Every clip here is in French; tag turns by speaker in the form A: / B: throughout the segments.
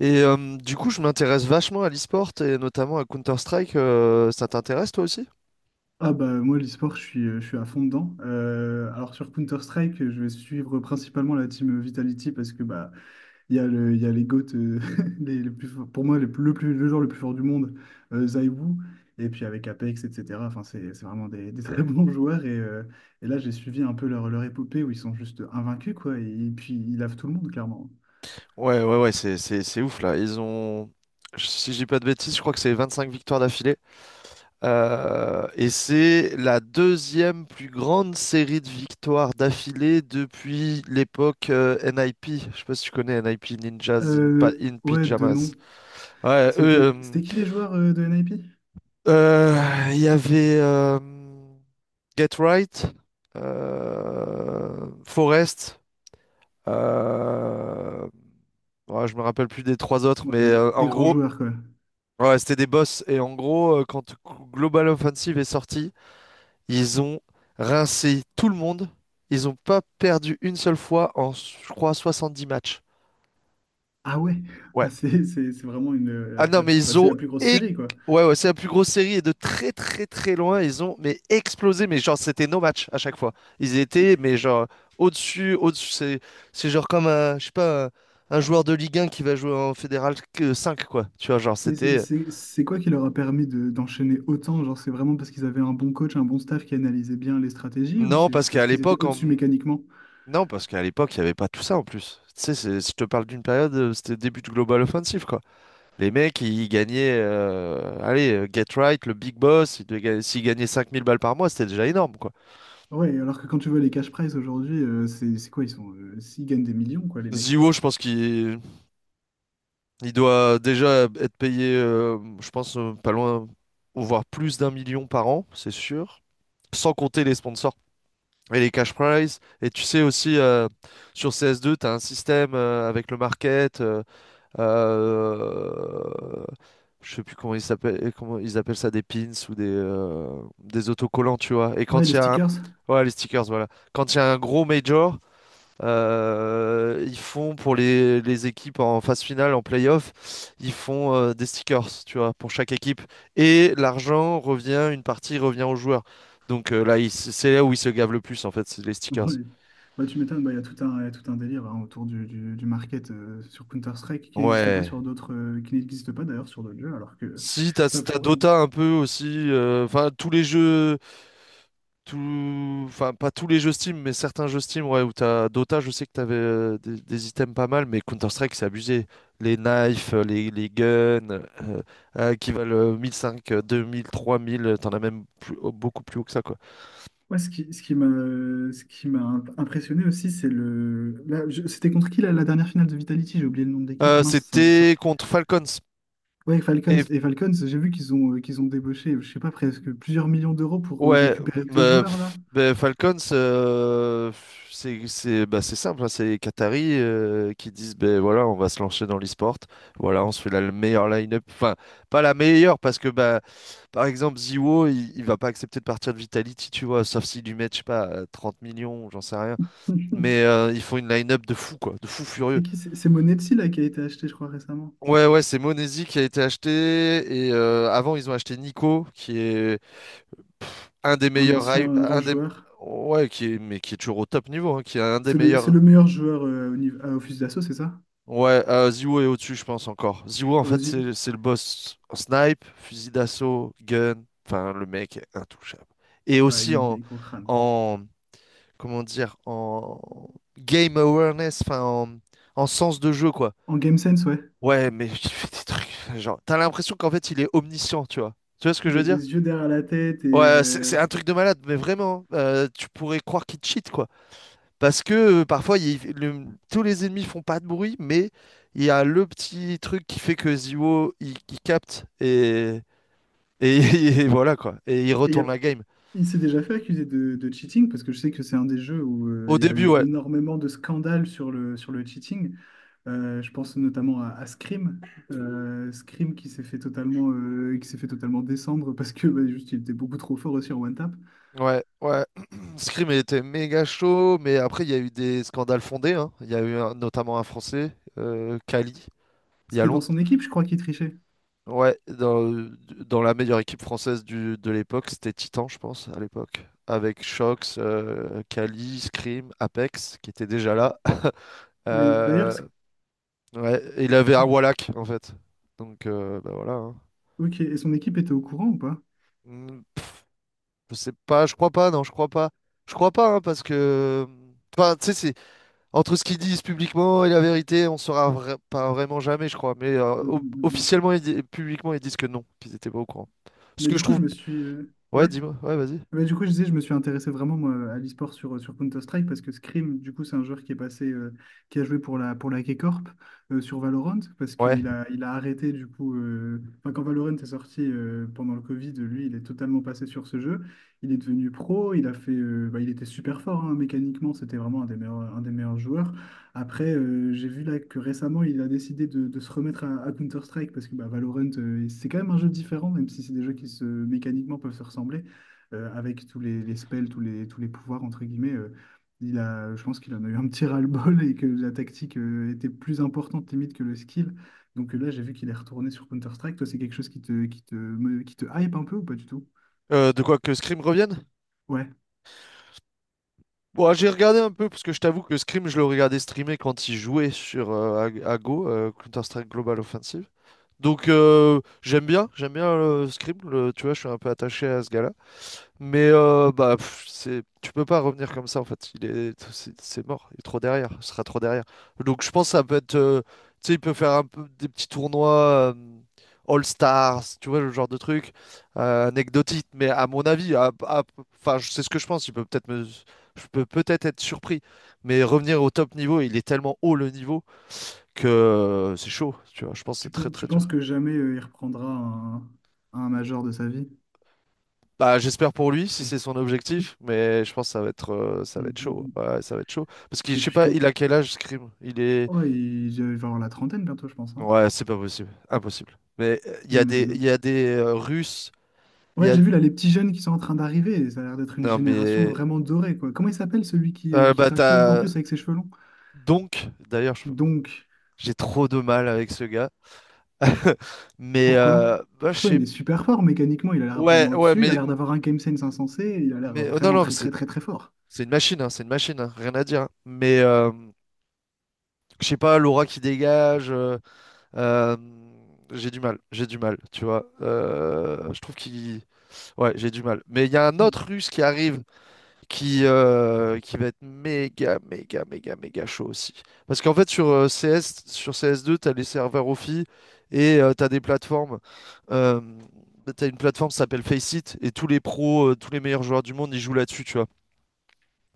A: Et du coup, je m'intéresse vachement à l'e-sport et notamment à Counter-Strike. Ça t'intéresse toi aussi?
B: Ah bah moi l'e-sport je suis à fond dedans. Alors sur Counter-Strike je vais suivre principalement la team Vitality parce que bah il y a les GOAT pour moi les plus- le joueur le plus fort du monde Zai Wu. Et puis avec Apex etc. Enfin c'est vraiment des très bons joueurs et là j'ai suivi un peu leur épopée où ils sont juste invaincus quoi, et puis ils lavent tout le monde clairement.
A: Ouais, ouais, ouais, c'est ouf là. Ils ont, si je dis pas de bêtises, je crois que c'est 25 victoires d'affilée. Et c'est la deuxième plus grande série de victoires d'affilée depuis l'époque NIP. Je sais pas si tu connais NIP Ninjas in, Pa-
B: Euh,
A: in
B: ouais de
A: Pyjamas.
B: nom.
A: Ouais, eux,
B: C'était c'était qui les joueurs de NIP?
A: il y avait Get Right, Forest, euh, ouais, je me rappelle plus des trois autres,
B: Ouais,
A: mais
B: mais des
A: en
B: grands
A: gros,
B: joueurs quoi.
A: ouais, c'était des boss. Et en gros, quand Global Offensive est sorti, ils ont rincé tout le monde. Ils n'ont pas perdu une seule fois en, je crois, 70 matchs.
B: Ah ouais,
A: Ouais.
B: ah, c'est vraiment une,
A: Ah non,
B: la, la
A: mais
B: plus- bah,
A: ils
B: c'est
A: ont...
B: la plus grosse
A: éc-
B: série, quoi.
A: Ouais, ouais, c'est la plus grosse série et de très très très loin, ils ont mais explosé, mais genre c'était nos matchs à chaque fois. Ils étaient, mais genre au-dessus, au-dessus, c'est genre comme un, je sais pas, un joueur de Ligue un qui va jouer en Fédéral que 5, quoi. Tu vois, genre c'était.
B: C'est quoi qui leur a permis d'enchaîner autant? Genre, c'est vraiment parce qu'ils avaient un bon coach, un bon staff qui analysait bien les stratégies, ou
A: Non,
B: c'est
A: parce
B: juste parce
A: qu'à
B: qu'ils étaient
A: l'époque,
B: au-dessus mécaniquement?
A: il n'y avait pas tout ça en plus. Tu sais, je te parle d'une période, c'était le début du Global Offensive, quoi. Les mecs, ils gagnaient, allez, Get Right, le Big Boss, ils devaient s'ils gagnaient 5 000 balles par mois, c'était déjà énorme, quoi.
B: Ouais, alors que quand tu vois les cash prizes aujourd'hui, c'est quoi? Ils gagnent des millions, quoi, les mecs.
A: Ziwo, je pense qu'il il doit déjà être payé, je pense, pas loin, voire plus d'un million par an, c'est sûr. Sans compter les sponsors et les cash prizes. Et tu sais aussi, sur CS2, tu as un système avec le market. Euh, je sais plus comment ils s'appellent, comment ils appellent ça, des pins ou des autocollants, tu vois. Et
B: Ouais,
A: quand
B: les
A: il y a un.
B: stickers.
A: Ouais, les stickers, voilà. Quand il y a un gros major. Ils font pour les équipes en phase finale, en playoff, ils font des stickers, tu vois, pour chaque équipe. Et l'argent revient, une partie revient aux joueurs. Donc là, c'est là où ils se gavent le plus, en fait, c'est les stickers.
B: Ouais. Bah, tu m'étonnes, bah, il y a tout un délire, hein, autour du market sur Counter-Strike qui n'existe pas
A: Ouais.
B: sur d'autres, qui n'existe pas d'ailleurs sur d'autres jeux, alors que
A: Si, t'as, si
B: ça
A: t'as
B: pourrait, hein.
A: Dota un peu aussi. Enfin, tous les jeux. Enfin, pas tous les jeux Steam, mais certains jeux Steam, ouais, où t'as Dota, je sais que t'avais des items pas mal, mais Counter-Strike, c'est abusé. Les knives, les guns, qui valent 1 500, 2 000, 3 000, t'en as même beaucoup plus haut que ça, quoi.
B: Ouais, ce qui m'a impressionné aussi, c'est le. Là, je- C'était contre qui la dernière finale de Vitality? J'ai oublié le nom de l'équipe. Mince, ça m'est
A: C'était
B: sorti.
A: contre Falcons.
B: Ouais, Falcons.
A: Et
B: Et Falcons, j'ai vu qu'ils ont, débauché, je sais pas, presque plusieurs millions d'euros pour
A: ouais,
B: récupérer deux
A: bah,
B: joueurs, là.
A: pff, bah, Falcons, pff, c'est simple, hein, c'est les Qataris qui disent ben voilà, on va se lancer dans l'e-sport, voilà, on se fait la le meilleure line-up, enfin pas la meilleure parce que bah par exemple Ziwo, il va pas accepter de partir de Vitality, tu vois, sauf s'il lui met je sais pas 30 millions, j'en sais rien, mais ils font une line-up de fou quoi, de fou
B: C'est
A: furieux.
B: qui? C'est Monetsi, là, qui a été acheté, je crois, récemment.
A: Ouais ouais, c'est Monesi qui a été acheté et avant ils ont acheté Nico qui est un des
B: Un
A: meilleurs,
B: ancien grand
A: un des,
B: joueur.
A: ouais, qui est, mais qui est toujours au top niveau, hein, qui est un des
B: C'est
A: meilleurs.
B: le meilleur joueur au niveau, à Office d'Assaut, c'est ça?
A: Ouais, Ziwo est au-dessus, je pense encore. Ziwo, en
B: Aux
A: fait,
B: yeux-
A: c'est le boss en snipe, fusil d'assaut, gun. Enfin, le mec est intouchable. Et
B: Ouais, il
A: aussi
B: met des gros crânes.
A: en, comment dire, en game awareness, enfin, en sens de jeu, quoi.
B: En Game Sense, ouais.
A: Ouais, mais il fait des trucs. Enfin, genre, t'as l'impression qu'en fait, il est omniscient, tu vois. Tu vois ce que je
B: Il a
A: veux dire?
B: des yeux derrière la tête.
A: Ouais, c'est un truc de malade, mais vraiment, hein, tu pourrais croire qu'il cheat, quoi. Parce que parfois, tous les ennemis font pas de bruit, mais il y a le petit truc qui fait que Zio, il capte et, et voilà quoi. Et il retourne
B: Il
A: la game.
B: Il s'est déjà fait accuser de cheating parce que je sais que c'est un des jeux où
A: Au
B: il y a
A: début,
B: eu
A: ouais.
B: énormément de scandales sur sur le cheating. Je pense notamment à Scream. Scream qui s'est fait totalement descendre parce que bah, juste il était beaucoup trop fort aussi en one tap.
A: Ouais, ouais. Scream était méga chaud, mais après, il y a eu des scandales fondés, hein. Il y a eu notamment un Français, Kali, il y a
B: C'était dans
A: longtemps.
B: son équipe, je crois, qui trichait.
A: Ouais, dans la meilleure équipe française de l'époque, c'était Titan, je pense, à l'époque. Avec Shox, Kali, Scream, Apex, qui étaient déjà là.
B: Mais d'ailleurs,
A: Euh,
B: c'est-
A: ouais, et il avait Awalak en fait. Donc bah voilà, hein.
B: Ok, et son équipe était au courant ou pas?
A: Pff, je sais pas, je crois pas, non, je crois pas. Je crois pas, hein, parce que. Enfin, tu sais, c'est entre ce qu'ils disent publiquement et la vérité, on saura pas vraiment jamais, je crois. Mais
B: Mm, mm, mm, mm.
A: officiellement et publiquement, ils disent que non, qu'ils étaient pas au courant. Ce
B: Mais
A: que
B: du
A: je
B: coup,
A: trouve. Ouais,
B: ouais.
A: dis-moi, ouais, vas-y.
B: Mais du coup, je disais, je me suis intéressé vraiment moi, à l'e-sport sur Counter-Strike parce que Scream, du coup, c'est un joueur qui est passé, qui a joué pour pour la K-Corp sur Valorant parce
A: Ouais.
B: il a arrêté, du coup, enfin, quand Valorant est sorti pendant le Covid, lui, il est totalement passé sur ce jeu. Il est devenu pro, bah, il était super fort, hein, mécaniquement, c'était vraiment un des meilleurs joueurs. Après, j'ai vu là que récemment, il a décidé de se remettre à Counter-Strike parce que bah, Valorant, c'est quand même un jeu différent, même si c'est des jeux qui se, mécaniquement peuvent se ressembler avec tous les spells, tous les pouvoirs, entre guillemets, je pense qu'il en a eu un petit ras-le-bol et que la tactique était plus importante limite que le skill. Donc là, j'ai vu qu'il est retourné sur Counter-Strike. Toi, c'est quelque chose qui te hype un peu ou pas du tout?
A: De quoi que Scream revienne?
B: Ouais.
A: Bon, j'ai regardé un peu, parce que je t'avoue que Scream, je le regardais streamer quand il jouait à Go, Counter-Strike Global Offensive. Donc j'aime bien Scribble, tu vois, je suis un peu attaché à ce gars-là. Mais bah pff, tu peux pas revenir comme ça en fait. Il est, c'est mort, il est trop derrière, il sera trop derrière. Donc je pense que ça peut être, tu sais, il peut faire un peu des petits tournois All Stars, tu vois, le genre de truc anecdotique. Mais à mon avis, enfin c'est ce que je pense. Il peut peut-être me, Je peux peut-être être surpris, mais revenir au top niveau, il est tellement haut le niveau que c'est chaud, tu vois. Je pense que c'est
B: Tu,
A: très
B: pen-
A: très
B: tu penses
A: dur.
B: que jamais il reprendra un major de sa vie?
A: Bah, j'espère pour lui si c'est son objectif, mais je pense que ça va être, euh, ça va
B: Mm,
A: être
B: mm,
A: chaud.
B: mm.
A: Ouais, ça va être chaud. Parce que je
B: Et
A: sais
B: puis
A: pas,
B: quand.
A: il a quel âge, Scream? Il est.
B: Ouais, il va avoir la trentaine bientôt, je pense, hein.
A: Ouais, c'est pas possible. Impossible. Mais il
B: Mm,
A: y a des,
B: mm,
A: il y
B: mm.
A: a des euh, Russes. Il y
B: Ouais,
A: a.
B: j'ai vu là les petits jeunes qui sont en train d'arriver, et ça a l'air d'être une
A: Non,
B: génération
A: mais.
B: vraiment dorée, quoi. Comment il s'appelle celui qui
A: Bah,
B: trash talk en
A: t'as.
B: plus avec ses cheveux longs?
A: Donc, d'ailleurs,
B: Donc,
A: j'ai trop de mal avec ce gars. Mais.
B: pourquoi?
A: Bah, je
B: Pourtant,
A: sais.
B: il est super fort mécaniquement. Il a l'air
A: Ouais,
B: vraiment
A: ouais,
B: au-dessus. Il a l'air d'avoir un game sense insensé. Il a l'air
A: non,
B: vraiment
A: non, mais
B: très,
A: c'est
B: très, très, très fort.
A: c'est une machine, hein, c'est une machine, hein, rien à dire, hein. Mais. Je sais pas, l'aura qui dégage. Euh, j'ai du mal, j'ai du mal, tu vois. Je trouve qu'il... Ouais, j'ai du mal. Mais il y a un autre Russe qui arrive qui va être méga, méga, méga, méga chaud aussi. Parce qu'en fait, sur CS, sur cs deux, t'as les serveurs offi et t'as des plateformes. Euh, T'as une plateforme qui s'appelle Faceit et tous les pros, tous les meilleurs joueurs du monde, ils jouent là-dessus, tu vois.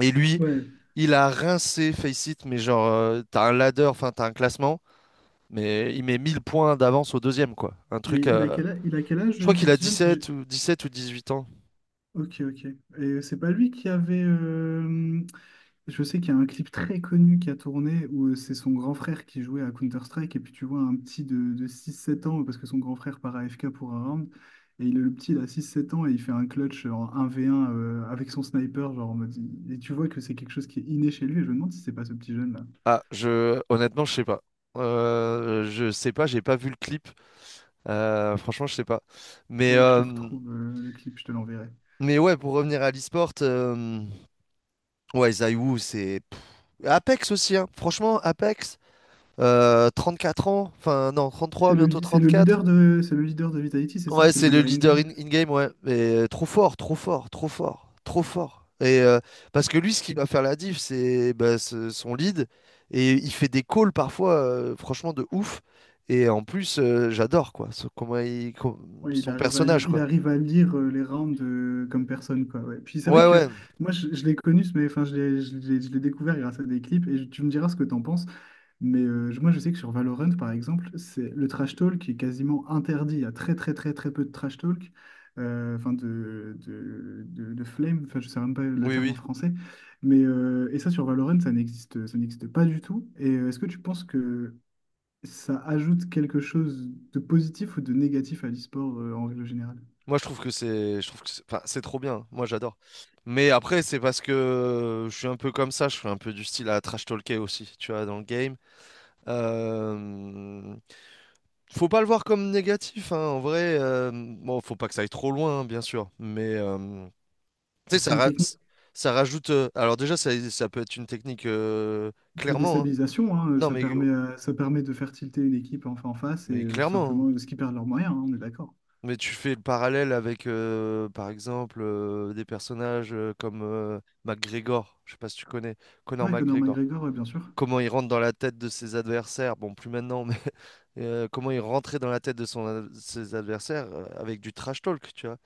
A: Et lui,
B: Ouais.
A: il a rincé Faceit, mais genre, t'as un ladder, enfin, t'as un classement. Mais il met 1 000 points d'avance au deuxième, quoi. Un
B: Et
A: truc.
B: il a quel âge
A: Je crois
B: ce
A: qu'il a
B: petit
A: dix
B: jeune?
A: sept ou dix sept ou 18 ans.
B: Ok, ok. Et c'est pas lui qui avait. Je sais qu'il y a un clip très connu qui a tourné où c'est son grand frère qui jouait à Counter-Strike et puis tu vois un petit de 6-7 ans parce que son grand frère part AFK pour un round et le petit il a 6-7 ans et il fait un clutch en 1 v un avec son sniper. Et tu vois que c'est quelque chose qui est inné chez lui et je me demande si c'est pas ce petit jeune là.
A: Ah, je honnêtement, je sais pas. Je sais pas, j'ai pas vu le clip. Franchement, je sais pas. Mais
B: Faudrait que je te
A: euh,
B: retrouve le clip, je te l'enverrai.
A: mais ouais, pour revenir à l'e-sport, ouais, Zai Wu, c'est pff, Apex aussi, hein. Franchement, Apex, euh, 4 ans, enfin non, trente
B: C'est
A: trois
B: le,
A: bientôt
B: c'est
A: trente
B: le
A: quatre
B: leader de c'est le leader de Vitality, c'est ça?
A: Ouais,
B: C'est le
A: c'est le
B: leader
A: leader
B: in-game?
A: in-game, ouais. Mais trop fort, trop fort, trop fort, trop fort. Et parce que lui, ce qui va faire la diff, c'est bah, son lead. Et il fait des calls parfois, franchement, de ouf. Et en plus, j'adore, quoi. Comment il,
B: Oui,
A: son personnage,
B: il
A: quoi.
B: arrive à lire les rounds comme personne, quoi. Ouais. Puis c'est vrai
A: Ouais,
B: que
A: ouais.
B: moi, je l'ai connu, mais enfin, je l'ai découvert grâce à des clips, tu me diras ce que t'en penses. Mais moi, je sais que sur Valorant, par exemple, c'est le trash talk qui est quasiment interdit. Il y a très, très, très, très peu de trash talk, enfin de flame, enfin, je sais même pas le
A: Oui,
B: terme en
A: oui.
B: français. Mais, et ça, sur Valorant, ça n'existe pas du tout. Et est-ce que tu penses que ça ajoute quelque chose de positif ou de négatif à l'e-sport en règle générale?
A: Moi, je trouve que c'est, enfin, c'est trop bien. Moi, j'adore. Mais après, c'est parce que je suis un peu comme ça. Je suis un peu du style à trash talker aussi, tu vois, dans le game. Euh, Faut pas le voir comme négatif, hein, en vrai. Bon, faut pas que ça aille trop loin, hein, bien sûr. Mais tu sais,
B: Bah, c'est une technique
A: ça rajoute. Alors déjà, ça peut être une technique
B: de
A: clairement, hein.
B: déstabilisation, hein,
A: Non, mais oh,
B: ça permet de faire tilter une équipe en face et
A: mais
B: tout
A: clairement, hein.
B: simplement ce qui perdent leurs moyens, hein, on est d'accord.
A: Mais tu fais le parallèle avec, par exemple, des personnages comme McGregor. Je sais pas si tu connais Conor
B: Ouais, Conor
A: McGregor,
B: McGregor, ouais, bien sûr.
A: comment il rentre dans la tête de ses adversaires, bon, plus maintenant, mais comment il rentrait dans la tête de ses adversaires avec du trash talk, tu vois.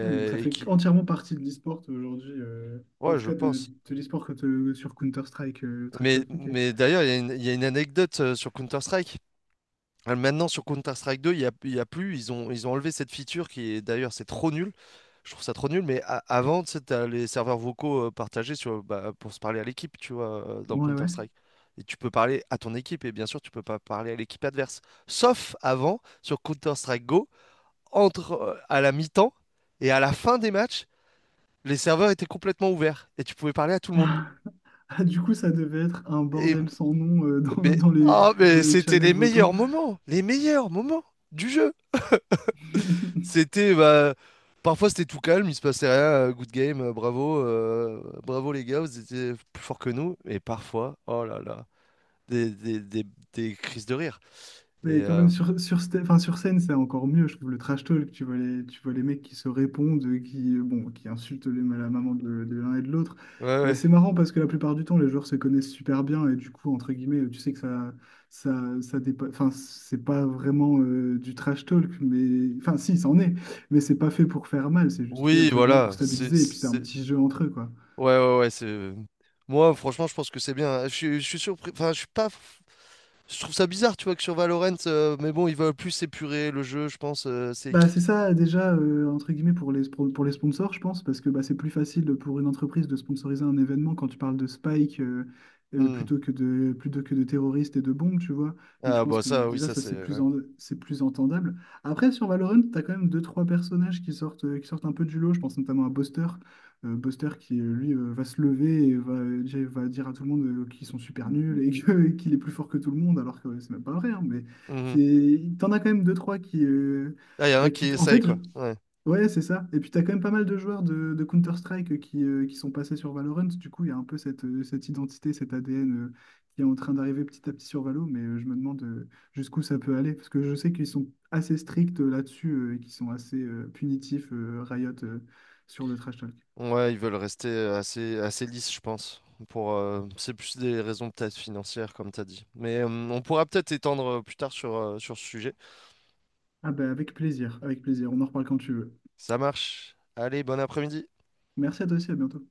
B: Ouais, donc ça
A: et
B: fait
A: qui...
B: entièrement partie de l'e-sport aujourd'hui, en
A: Ouais,
B: tout
A: je
B: cas
A: pense.
B: de l'e-sport sur Counter-Strike, Trash
A: Mais,
B: Talk, ok.
A: mais d'ailleurs, il y a une anecdote sur Counter-Strike. Ah, maintenant, sur Counter-Strike 2, il y a plus. Ils ont enlevé cette feature qui est d'ailleurs, c'est trop nul. Je trouve ça trop nul. Mais avant, tu sais, t'as les serveurs vocaux partagés sur, bah, pour se parler à l'équipe, tu vois, dans
B: Ouais, ouais.
A: Counter-Strike. Et tu peux parler à ton équipe. Et bien sûr, tu peux pas parler à l'équipe adverse. Sauf avant, sur Counter-Strike Go, entre à la mi-temps et à la fin des matchs, les serveurs étaient complètement ouverts. Et tu pouvais parler à tout le monde.
B: Ah, du coup, ça devait être un
A: Et,
B: bordel sans nom
A: mais, ah,
B: dans
A: mais
B: les
A: c'était
B: channels
A: les
B: vocaux.
A: meilleurs moments. Les meilleurs moments du jeu. C'était bah, parfois c'était tout calme, il se passait rien, good game, bravo les gars, vous étiez plus forts que nous. Et parfois, oh là là, des, des, des, des crises de rire. Et
B: Mais quand même, enfin, sur scène, c'est encore mieux, je trouve, le trash talk. Tu vois les mecs qui se répondent, qui insultent la maman de l'un et de l'autre.
A: ouais,
B: Bah,
A: ouais.
B: c'est marrant parce que la plupart du temps, les joueurs se connaissent super bien et du coup, entre guillemets, tu sais que ça. Enfin, c'est pas vraiment du trash talk, mais enfin, si, c'en est, mais c'est pas fait pour faire mal, c'est juste fait,
A: Oui,
B: entre guillemets, pour
A: voilà.
B: stabiliser et puis c'est un
A: C'est-
B: petit jeu entre eux, quoi.
A: Ouais, ouais, ouais. C'est... Moi, franchement, je pense que c'est bien. Je suis surpris. Enfin, je suis pas. Je trouve ça bizarre, tu vois, que sur Valorant, mais bon, ils veulent plus épurer le jeu, je pense. C'est
B: Bah,
A: qui?
B: c'est ça déjà, entre guillemets, pour pour les sponsors, je pense, parce que bah, c'est plus facile pour une entreprise de sponsoriser un événement quand tu parles de Spike
A: Hmm.
B: plutôt que de terroristes et de bombes, tu vois. Donc je
A: Ah
B: pense
A: bah
B: que
A: ça, oui,
B: déjà,
A: ça
B: ça,
A: c'est.
B: c'est plus,
A: ouais.
B: en- c'est plus entendable. Après, sur Valorant, tu as quand même deux, trois personnages qui sortent un peu du lot. Je pense notamment à Buster. Buster qui, lui, va se lever et va dire à tout le monde qu'ils sont super nuls qu'il est plus fort que tout le monde, alors que ouais, c'est même pas vrai, hein, mais
A: Mhm.
B: c'est t'en as quand même deux trois
A: Ah, il y a un qui
B: en
A: essaye
B: fait,
A: quoi. Ouais.
B: ouais, c'est ça. Et puis, tu as quand même pas mal de joueurs de Counter-Strike qui sont passés sur Valorant. Du coup, il y a un peu cette identité, cet ADN qui est en train d'arriver petit à petit sur Valo. Mais je me demande jusqu'où ça peut aller. Parce que je sais qu'ils sont assez stricts là-dessus et qu'ils sont assez punitifs, Riot, sur le trash talk.
A: Ouais, ils veulent rester assez, assez lisses, je pense. C'est plus des raisons peut-être financières, comme t'as dit. Mais on pourra peut-être étendre plus tard sur ce sujet.
B: Ah, bah, avec plaisir, avec plaisir. On en reparle quand tu veux.
A: Ça marche. Allez, bon après-midi.
B: Merci à toi aussi, à bientôt.